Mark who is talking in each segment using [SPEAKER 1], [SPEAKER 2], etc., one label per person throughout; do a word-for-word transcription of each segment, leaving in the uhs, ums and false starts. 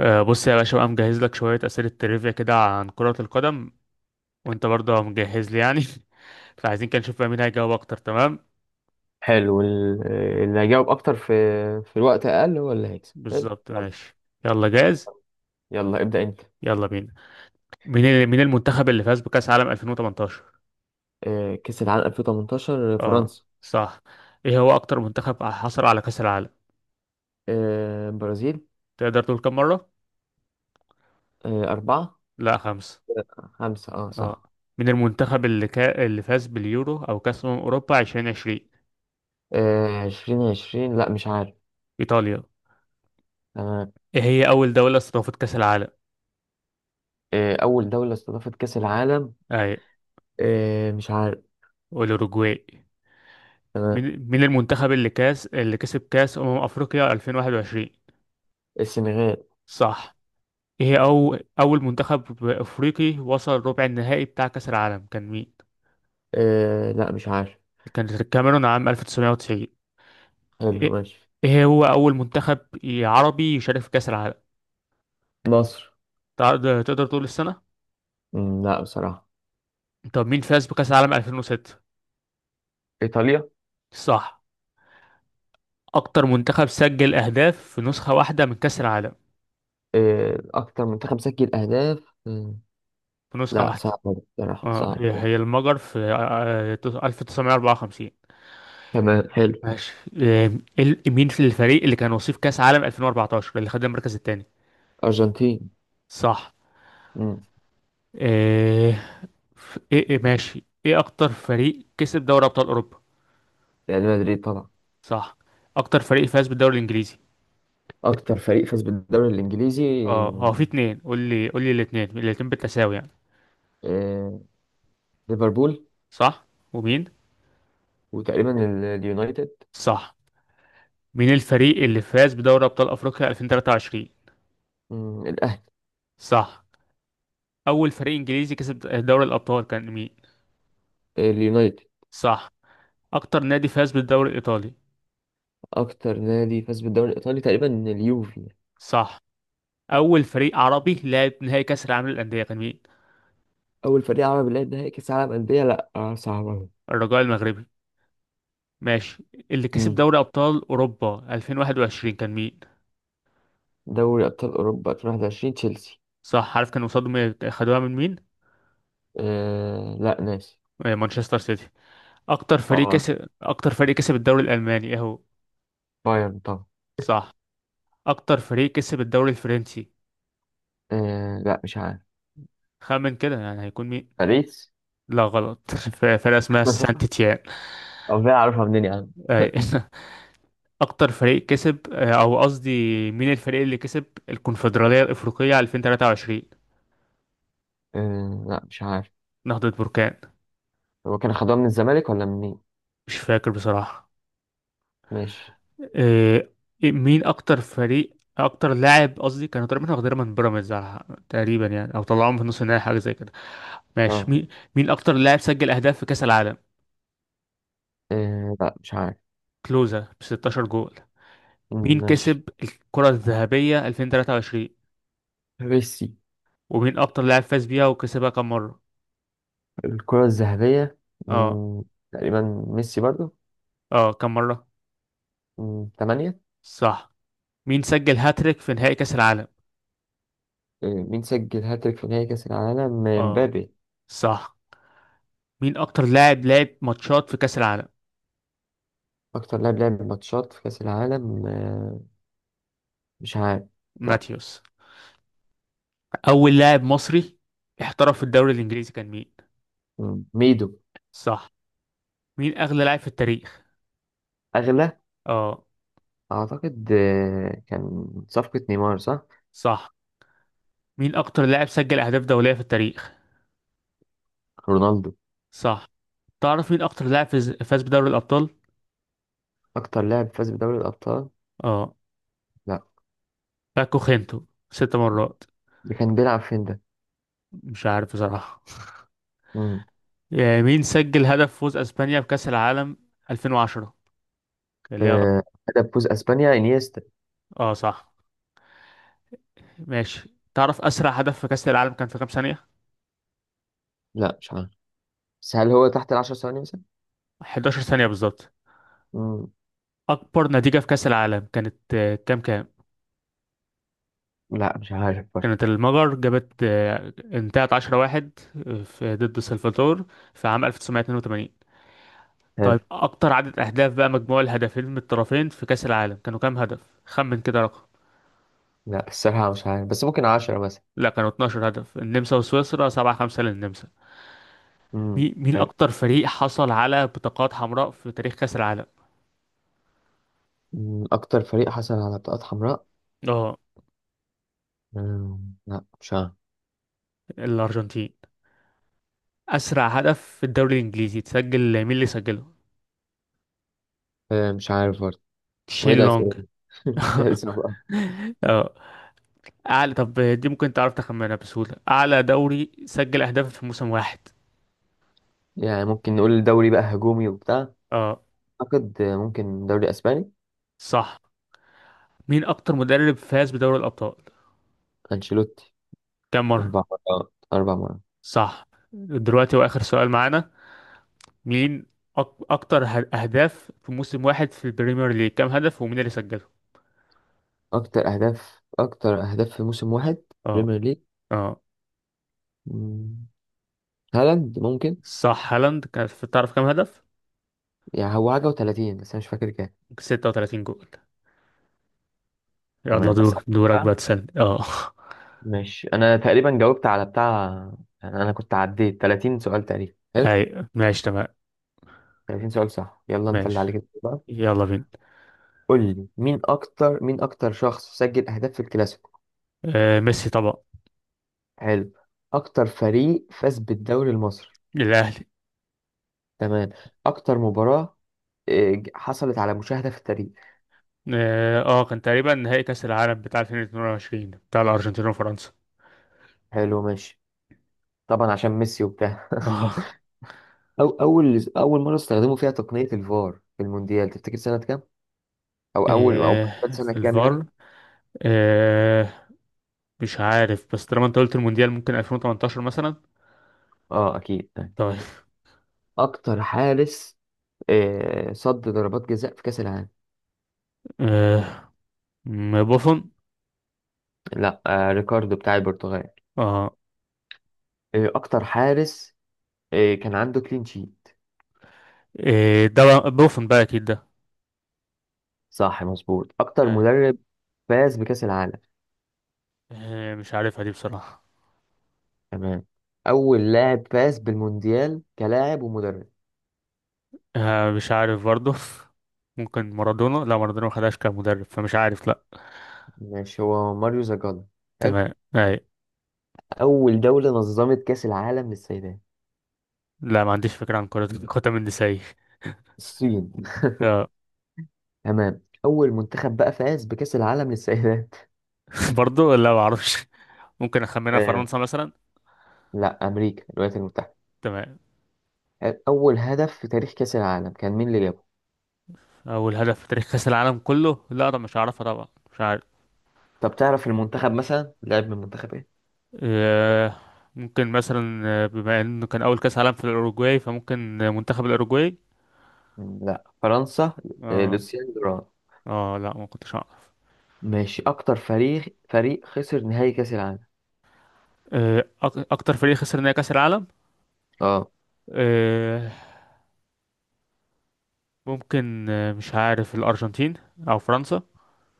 [SPEAKER 1] آه، بص يا باشا بقى مجهز لك شوية أسئلة ترivia كده عن كرة القدم، وأنت برضه مجهز لي يعني. فعايزين كده نشوف بقى مين هيجاوب أكتر. تمام،
[SPEAKER 2] حلو. ال- اللي هيجاوب اكتر في في الوقت اقل هو اللي هيكسب. حلو،
[SPEAKER 1] بالظبط.
[SPEAKER 2] يلا.
[SPEAKER 1] ماشي، يلا جاهز.
[SPEAKER 2] يلا ابدأ انت.
[SPEAKER 1] يلا بينا. مين ال- مين المنتخب اللي فاز بكأس عالم ألفين وتمنتاشر؟
[SPEAKER 2] آه، كأس العالم ألفين وتمنتاشر
[SPEAKER 1] اه،
[SPEAKER 2] فرنسا.
[SPEAKER 1] صح. إيه هو أكتر منتخب حصل على كأس العالم؟
[SPEAKER 2] آه، برازيل.
[SPEAKER 1] تقدر تقول كم مرة؟
[SPEAKER 2] آه، أربعة.
[SPEAKER 1] لا، خمسة.
[SPEAKER 2] آه، خمسة، اه
[SPEAKER 1] اه.
[SPEAKER 2] صح.
[SPEAKER 1] مين المنتخب اللي كا... اللي فاز باليورو أو كأس أمم أوروبا ألفين وعشرين؟
[SPEAKER 2] آه، عشرين عشرين، لا مش عارف.
[SPEAKER 1] إيطاليا.
[SPEAKER 2] تمام.
[SPEAKER 1] إيه هي أول دولة استضافت كأس العالم؟
[SPEAKER 2] آه، أول دولة استضافت كأس العالم؟
[SPEAKER 1] أي.
[SPEAKER 2] آه، مش عارف.
[SPEAKER 1] الأوروجواي.
[SPEAKER 2] تمام.
[SPEAKER 1] مين مين المنتخب اللي كاس اللي كسب كاس أمم أفريقيا ألفين وواحد وعشرين؟
[SPEAKER 2] السنغال.
[SPEAKER 1] صح. ايه هي أو أول منتخب أفريقي وصل ربع النهائي بتاع كأس العالم كان مين؟
[SPEAKER 2] آه، لا مش عارف.
[SPEAKER 1] كانت الكاميرون عام ألف وتسعمية وتسعين.
[SPEAKER 2] حلو،
[SPEAKER 1] ايه.
[SPEAKER 2] ماشي.
[SPEAKER 1] إيه هو أول منتخب عربي يشارك في كأس العالم؟
[SPEAKER 2] مصر.
[SPEAKER 1] تقدر تقدر تقول السنة؟
[SPEAKER 2] مم، لا بصراحة.
[SPEAKER 1] طب مين فاز بكأس العالم ألفين وستة؟
[SPEAKER 2] إيطاليا.
[SPEAKER 1] صح. أكتر منتخب سجل أهداف في نسخة واحدة من كأس العالم،
[SPEAKER 2] آه، أكتر منتخب سجل أهداف؟
[SPEAKER 1] في نسخة
[SPEAKER 2] لا
[SPEAKER 1] واحدة.
[SPEAKER 2] صعب. بصراحة
[SPEAKER 1] اه،
[SPEAKER 2] صعب.
[SPEAKER 1] هي هي المجر في آه، آه، ألف وتسعمية وأربعة وخمسين.
[SPEAKER 2] تمام، حلو.
[SPEAKER 1] ماشي. آم، ال- مين في الفريق اللي كان وصيف كأس عالم ألفين وأربعتاشر اللي خد المركز الثاني؟
[SPEAKER 2] أرجنتين.
[SPEAKER 1] صح.
[SPEAKER 2] مم.
[SPEAKER 1] ايه. ف- ايه إيه، ماشي. ايه اكتر فريق كسب دوري ابطال اوروبا؟
[SPEAKER 2] ريال مدريد طبعا.
[SPEAKER 1] صح. اكتر فريق فاز بالدوري الانجليزي؟
[SPEAKER 2] أكتر فريق فاز بالدوري الإنجليزي؟
[SPEAKER 1] اه، هو في اتنين. قول لي قول لي الاتنين الاتنين بالتساوي يعني.
[SPEAKER 2] آه، ليفربول.
[SPEAKER 1] صح، ومين؟
[SPEAKER 2] وتقريبا ال- اليونايتد.
[SPEAKER 1] صح. مين الفريق اللي فاز بدوري ابطال افريقيا ألفين وتلاتة وعشرين؟
[SPEAKER 2] مم، الأهلي.
[SPEAKER 1] صح. اول فريق انجليزي كسب دوري الابطال كان مين؟
[SPEAKER 2] اليونايتد.
[SPEAKER 1] صح. اكتر نادي فاز بالدوري الايطالي؟
[SPEAKER 2] أكتر نادي فاز بالدوري الإيطالي تقريبا اليوفي.
[SPEAKER 1] صح. اول فريق عربي لعب نهائي كاس العالم للانديه كان مين؟
[SPEAKER 2] أول فريق عربي لعب نهائي كأس العالم أندية؟ لا آه، صعب أوي.
[SPEAKER 1] الرجاء المغربي. ماشي. اللي كسب
[SPEAKER 2] مم.
[SPEAKER 1] دوري ابطال اوروبا ألفين وواحد وعشرين كان مين؟
[SPEAKER 2] دوري أبطال أوروبا ألفين وواحد وعشرين تشيلسي.
[SPEAKER 1] صح، عارف كانوا قصادهم إيه؟ خدوها من مين؟
[SPEAKER 2] أه لا ناسي.
[SPEAKER 1] آه، مانشستر سيتي. اكتر فريق
[SPEAKER 2] اه.
[SPEAKER 1] كسب اكتر فريق كسب الدوري الالماني اهو.
[SPEAKER 2] بايرن طبعا.
[SPEAKER 1] صح. اكتر فريق كسب الدوري الفرنسي؟
[SPEAKER 2] أه لا مش عارف.
[SPEAKER 1] خمن كده يعني هيكون مين.
[SPEAKER 2] باريس.
[SPEAKER 1] لا، غلط. ف- فرقه اسمها سانت تيان.
[SPEAKER 2] أو ده أعرفها منين يا عم؟
[SPEAKER 1] أي. اكتر فريق كسب آه، او قصدي، مين الفريق اللي كسب الكونفدراليه الافريقيه ألفين وتلاتة وعشرين؟
[SPEAKER 2] آه لا مش عارف.
[SPEAKER 1] نهضه بركان.
[SPEAKER 2] هو كان خدوها من الزمالك ولا منين؟
[SPEAKER 1] مش فاكر بصراحة.
[SPEAKER 2] ماشي.
[SPEAKER 1] إيه. إيه، مين أكتر فريق أكتر لاعب قصدي كانوا تقريبا واخدينها من بيراميدز على- تقريبا يعني، أو طلعوهم في نص النهائي حاجة زي كده. ماشي.
[SPEAKER 2] اه.
[SPEAKER 1] مين مين أكتر لاعب سجل أهداف في كأس العالم؟
[SPEAKER 2] آه لا مش عارف.
[SPEAKER 1] كلوزا ب ستاشر جول. مين
[SPEAKER 2] مم، ماشي.
[SPEAKER 1] كسب الكرة الذهبية ألفين وتلاتة وعشرين؟
[SPEAKER 2] ميسي.
[SPEAKER 1] ومين أكتر لاعب فاز بيها وكسبها كم مرة؟
[SPEAKER 2] الكرة الذهبية.
[SPEAKER 1] اه.
[SPEAKER 2] مم. تقريبا. ميسي برضو.
[SPEAKER 1] اه كم مرة؟
[SPEAKER 2] مم، تمانية.
[SPEAKER 1] صح. مين سجل هاتريك في نهائي كأس العالم؟
[SPEAKER 2] آه مين سجل هاتريك في نهائي كأس العالم؟ آه،
[SPEAKER 1] اه،
[SPEAKER 2] مبابي.
[SPEAKER 1] صح. مين أكتر لاعب لعب ماتشات في كأس العالم؟
[SPEAKER 2] أكتر لاعب لعب ماتشات في كأس العالم؟ آه مش عارف. لا.
[SPEAKER 1] ماتيوس. أول لاعب مصري احترف في الدوري الإنجليزي كان مين؟
[SPEAKER 2] مم، ميدو.
[SPEAKER 1] صح. مين أغلى لاعب في التاريخ؟
[SPEAKER 2] أغلى.
[SPEAKER 1] اه.
[SPEAKER 2] أعتقد آه كان صفقة نيمار، صح.
[SPEAKER 1] صح. مين أكتر لاعب سجل أهداف دولية في التاريخ؟
[SPEAKER 2] رونالدو.
[SPEAKER 1] صح. تعرف مين أكتر لاعب فاز فاز بدوري الأبطال؟
[SPEAKER 2] أكتر لاعب فاز بدوري الأبطال؟
[SPEAKER 1] اه.
[SPEAKER 2] لا.
[SPEAKER 1] باكو خينتو ست مرات.
[SPEAKER 2] ده كان بيلعب فين ده؟
[SPEAKER 1] مش عارف بصراحة. آه، مين سجل هدف فوز أسبانيا بكأس العالم ألفين وعشرة؟ اللي هي غ-
[SPEAKER 2] آه، هدف فوز اسبانيا انيستا.
[SPEAKER 1] اه، صح. ماشي، تعرف أسرع هدف في كأس العالم كان في كام ثانية؟
[SPEAKER 2] لا مش عارف، بس هل هو تحت العشر ثواني مثلا؟
[SPEAKER 1] حداشر ثانية بالظبط.
[SPEAKER 2] مم.
[SPEAKER 1] أكبر نتيجة في كأس العالم كانت آه، كام كام؟
[SPEAKER 2] لا مش عارف برضه.
[SPEAKER 1] كانت المجر جابت، آه، انتهت عشرة واحد، آه، في ضد سلفادور في عام ألف وتسعمية واتنين وتمانين.
[SPEAKER 2] حلو.
[SPEAKER 1] طيب، اكتر عدد اهداف بقى، مجموع الهدفين من الطرفين في كأس العالم كانوا كام هدف؟ خمن كده رقم.
[SPEAKER 2] لا الصراحة مش عارف، بس ممكن عشرة مثلا.
[SPEAKER 1] لا، كانوا اتناشر هدف، النمسا وسويسرا سبعة خمسة للنمسا.
[SPEAKER 2] مم.
[SPEAKER 1] مي- مين
[SPEAKER 2] حلو.
[SPEAKER 1] اكتر فريق حصل على بطاقات حمراء في تاريخ كأس العالم؟
[SPEAKER 2] مم. أكتر فريق حصل على بطاقات حمراء.
[SPEAKER 1] اه.
[SPEAKER 2] مم. لا مش عارف.
[SPEAKER 1] الارجنتين. اسرع هدف في الدوري الانجليزي تسجل، مين اللي سجله؟
[SPEAKER 2] آه، مش عارف برضه. وإيه
[SPEAKER 1] شين لونج.
[SPEAKER 2] الأسئلة دي؟ أسئلة صعبة.
[SPEAKER 1] اه، اعلى طب دي ممكن تعرف تخمنها بسهولة. اعلى دوري سجل اهداف في موسم واحد؟
[SPEAKER 2] يعني ممكن نقول الدوري بقى هجومي وبتاع.
[SPEAKER 1] اه.
[SPEAKER 2] أعتقد آه، ممكن دوري أسباني.
[SPEAKER 1] صح. مين اكتر مدرب فاز بدوري الابطال؟
[SPEAKER 2] أنشيلوتي.
[SPEAKER 1] كم مرة؟
[SPEAKER 2] أربع مرات، أربع مرات.
[SPEAKER 1] صح. دلوقتي واخر سؤال معانا. مين أك... اكتر ه- اهداف في موسم واحد في البريمير ليج، كم هدف ومين اللي سجله؟
[SPEAKER 2] أكتر أهداف أكتر أهداف في موسم واحد.
[SPEAKER 1] اه،
[SPEAKER 2] بريمير ليج.
[SPEAKER 1] اه.
[SPEAKER 2] مم. هالاند ممكن.
[SPEAKER 1] صح، هالاند كان في- تعرف كم هدف؟
[SPEAKER 2] يعني هو حاجة وتلاتين، بس أنا مش فاكر كام.
[SPEAKER 1] ستة وتلاتين جول. يلا
[SPEAKER 2] تمام،
[SPEAKER 1] دور
[SPEAKER 2] أسألك
[SPEAKER 1] دورك
[SPEAKER 2] بقى.
[SPEAKER 1] بقى تسألني. اه.
[SPEAKER 2] ماشي، أنا تقريبا جاوبت على بتاع. أنا أنا كنت عديت تلاتين سؤال تقريبا، حلو.
[SPEAKER 1] اي، ماشي تمام.
[SPEAKER 2] تلاتين سؤال، صح، يلا أنت اللي
[SPEAKER 1] ماشي،
[SPEAKER 2] عليك الدور بقى.
[SPEAKER 1] يلا بينا.
[SPEAKER 2] قول لي مين أكتر مين أكتر شخص سجل أهداف في الكلاسيكو.
[SPEAKER 1] آه ميسي طبعا.
[SPEAKER 2] حلو. أكتر فريق فاز بالدوري المصري.
[SPEAKER 1] الاهلي.
[SPEAKER 2] تمام. أكتر مباراة آه، ج- حصلت على مشاهدة في التاريخ.
[SPEAKER 1] اه آه، كان تقريبا نهائي كأس العالم بتاع ألفين واتنين وعشرين بتاع الأرجنتين وفرنسا.
[SPEAKER 2] حلو، ماشي. طبعا عشان ميسي وبتاع.
[SPEAKER 1] اه.
[SPEAKER 2] أو أول أول مرة استخدموا فيها تقنية الفار في المونديال، تفتكر سنة كام؟ او اول او كان
[SPEAKER 1] إيه
[SPEAKER 2] سنه
[SPEAKER 1] في
[SPEAKER 2] كام يعني.
[SPEAKER 1] الفار؟ إيه، مش عارف بس طالما انت قلت المونديال ممكن ألفين وتمنتاشر مثلا.
[SPEAKER 2] اه اكيد طيب.
[SPEAKER 1] طيب.
[SPEAKER 2] اكتر حارس آه، صد ضربات جزاء في كاس العالم؟
[SPEAKER 1] إيه م- بوفون.
[SPEAKER 2] لا آه، ريكاردو بتاع البرتغال.
[SPEAKER 1] اه.
[SPEAKER 2] آه، اكتر حارس آه، كان عنده كلين شيت.
[SPEAKER 1] إيه ده بقى، بوفون بقى اكيد ده.
[SPEAKER 2] صح مظبوط. اكتر
[SPEAKER 1] آه.
[SPEAKER 2] مدرب فاز بكاس العالم؟
[SPEAKER 1] إيه مش عارفها دي بصراحة.
[SPEAKER 2] تمام. اول لاعب فاز بالمونديال كلاعب ومدرب.
[SPEAKER 1] آه مش عارف برضه. ممكن مارادونا. لا، مارادونا ما خدهاش كمدرب فمش عارف، لا.
[SPEAKER 2] ماشي، هو ماريو زاجالا. حلو.
[SPEAKER 1] تمام اي.
[SPEAKER 2] اول دوله نظمت كاس العالم للسيدات.
[SPEAKER 1] لا، ما عنديش فكرة عن كرة قدم النسائي.
[SPEAKER 2] الصين.
[SPEAKER 1] اه.
[SPEAKER 2] تمام. اول منتخب بقى فاز بكاس العالم للسيدات؟
[SPEAKER 1] برضه لا، ما اعرفش. ممكن اخمنها فرنسا مثلا.
[SPEAKER 2] لا، امريكا، الولايات المتحده.
[SPEAKER 1] تمام.
[SPEAKER 2] اول هدف في تاريخ كاس العالم كان مين اللي جابه؟
[SPEAKER 1] اول هدف في تاريخ كاس العالم كله؟ لا، ده مش عارفها طبعا، مش عارف.
[SPEAKER 2] طب تعرف المنتخب مثلا لعب من منتخب ايه.
[SPEAKER 1] أه. ممكن مثلا، آه، بما انه كان اول كاس عالم في الاوروجواي فممكن آه، منتخب الاوروجواي.
[SPEAKER 2] مم، لا فرنسا. آه،
[SPEAKER 1] اه.
[SPEAKER 2] لوسيان دوران.
[SPEAKER 1] اه لا، ما كنتش اعرف.
[SPEAKER 2] ماشي، اكتر فريق فريق خسر نهائي كاس العالم.
[SPEAKER 1] آه، أك- اكتر فريق خسر نهائي كاس العالم.
[SPEAKER 2] اه.
[SPEAKER 1] أه. ممكن، آه، مش عارف، الارجنتين او فرنسا.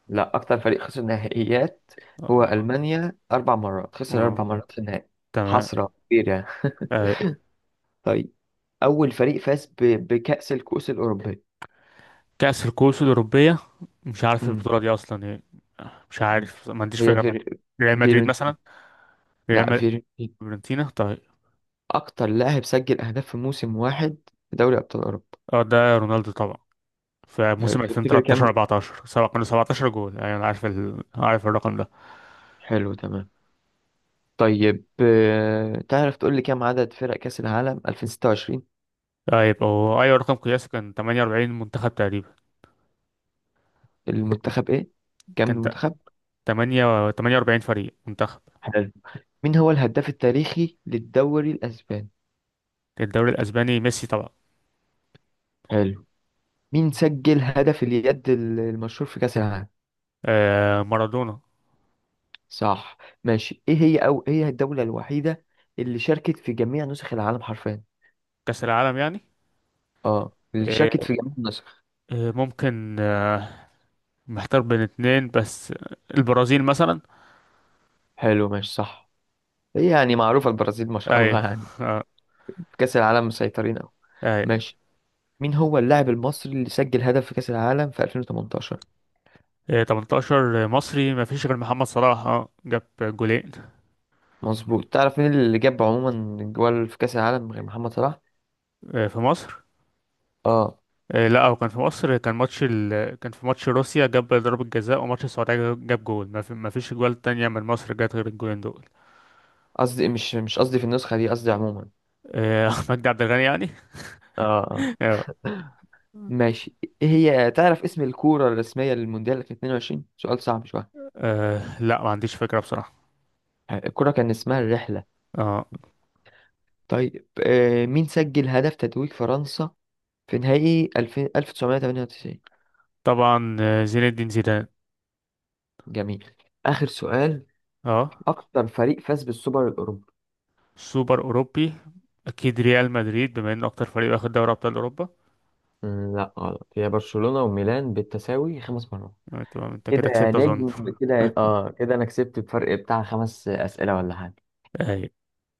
[SPEAKER 2] لا اكتر فريق خسر نهائيات. هو
[SPEAKER 1] اه.
[SPEAKER 2] المانيا، اربع مرات خسر،
[SPEAKER 1] آه،
[SPEAKER 2] اربع مرات في النهائي.
[SPEAKER 1] تمام.
[SPEAKER 2] حسره كبيره يعني.
[SPEAKER 1] آه،
[SPEAKER 2] طيب. اول فريق فاز ب... بكاس الكؤوس الاوروبيه؟
[SPEAKER 1] كاس الكؤوس الاوروبيه، مش عارف
[SPEAKER 2] مم.
[SPEAKER 1] البطوله دي اصلا ايه. مش عارف، ما عنديش
[SPEAKER 2] هي
[SPEAKER 1] فكره.
[SPEAKER 2] فير...
[SPEAKER 1] ريال مدريد
[SPEAKER 2] فيرنتين.
[SPEAKER 1] مثلا.
[SPEAKER 2] لا
[SPEAKER 1] ريال.
[SPEAKER 2] فيرنتين.
[SPEAKER 1] فيورنتينا طيب.
[SPEAKER 2] أكتر لاعب سجل أهداف في موسم واحد في دوري أبطال أوروبا.
[SPEAKER 1] اه، ده رونالدو طبعا. في
[SPEAKER 2] حلو،
[SPEAKER 1] موسم
[SPEAKER 2] تفتكر
[SPEAKER 1] 2013
[SPEAKER 2] كام.
[SPEAKER 1] 14 سبق، كانوا سبعة عشر جول. ايوه انا عارف، ال... عارف الرقم ده.
[SPEAKER 2] حلو تمام. طيب آه، تعرف تقول لي كام عدد فرق كأس العالم ألفين وستة وعشرين؟
[SPEAKER 1] طيب، هو ايوه رقم قياسي كان تمنية وأربعين منتخب تقريبا.
[SPEAKER 2] المنتخب إيه، كام
[SPEAKER 1] كان ت-
[SPEAKER 2] المنتخب.
[SPEAKER 1] 8 تمنية وأربعين فريق منتخب.
[SPEAKER 2] حلو. مين هو الهداف التاريخي للدوري الأسباني.
[SPEAKER 1] الدوري الاسباني ميسي طبعا.
[SPEAKER 2] حلو. مين سجل هدف اليد ال- المشهور في كأس العالم؟
[SPEAKER 1] آه مارادونا.
[SPEAKER 2] صح. ماشي، إيه هي أو إيه هي الدولة الوحيدة اللي شاركت في جميع نسخ العالم حرفيا؟
[SPEAKER 1] كاس العالم يعني.
[SPEAKER 2] اه اللي شاركت
[SPEAKER 1] آه
[SPEAKER 2] في جميع النسخ.
[SPEAKER 1] آه، ممكن آه محتار بين اتنين بس. البرازيل مثلا.
[SPEAKER 2] حلو، ماشي، صح. هي يعني معروفة البرازيل ما شاء الله
[SPEAKER 1] ايوه.
[SPEAKER 2] يعني.
[SPEAKER 1] آه.
[SPEAKER 2] في كأس العالم مسيطرين أوي.
[SPEAKER 1] أي.
[SPEAKER 2] ماشي. مين هو اللاعب المصري اللي سجل هدف في كأس العالم في ألفين وتمنتاشر؟
[SPEAKER 1] ثمانية عشر مصري ما فيش غير محمد صلاح، اه جاب جولين.
[SPEAKER 2] مظبوط. تعرف مين اللي جاب عموما جوال في كأس العالم غير محمد صلاح؟
[SPEAKER 1] آه، في مصر.
[SPEAKER 2] اه.
[SPEAKER 1] آه، لا، هو كان في مصر، كان ماتش ال... كان في ماتش روسيا جاب ضربة جزاء وماتش السعودية جاب جول، ما, في... ما فيش جوال تانية من مصر جت غير الجولين دول.
[SPEAKER 2] قصدي مش مش قصدي في النسخة دي، قصدي عموما.
[SPEAKER 1] آه، أحمد عبد الغني يعني.
[SPEAKER 2] اه. اه.
[SPEAKER 1] آه،
[SPEAKER 2] ماشي. إيه هي، تعرف اسم الكورة الرسمية للمونديال في اتنين وعشرين؟ سؤال صعب شوية.
[SPEAKER 1] آه، لا، ما عنديش فكرة بصراحة.
[SPEAKER 2] الكورة كان اسمها الرحلة.
[SPEAKER 1] اه.
[SPEAKER 2] طيب آه مين سجل هدف تتويج فرنسا في نهائي ألفين ألف وتسعمية وتمنية وتسعين؟
[SPEAKER 1] طبعا، آه، زين الدين زيدان.
[SPEAKER 2] جميل. آخر سؤال.
[SPEAKER 1] اه.
[SPEAKER 2] أكتر فريق فاز بالسوبر الأوروبي.
[SPEAKER 1] سوبر أوروبي، أكيد ريال مدريد بما إنه أكتر فريق واخد دوري أبطال أوروبا.
[SPEAKER 2] مم، لا غلط، هي برشلونة وميلان بالتساوي خمس مرات.
[SPEAKER 1] آه، تمام، أنت كده
[SPEAKER 2] كده يا
[SPEAKER 1] كسبت أظن.
[SPEAKER 2] نجم. كده يا- آه كده أنا كسبت بفرق بتاع خمس أسئلة ولا حاجة.
[SPEAKER 1] أيوة.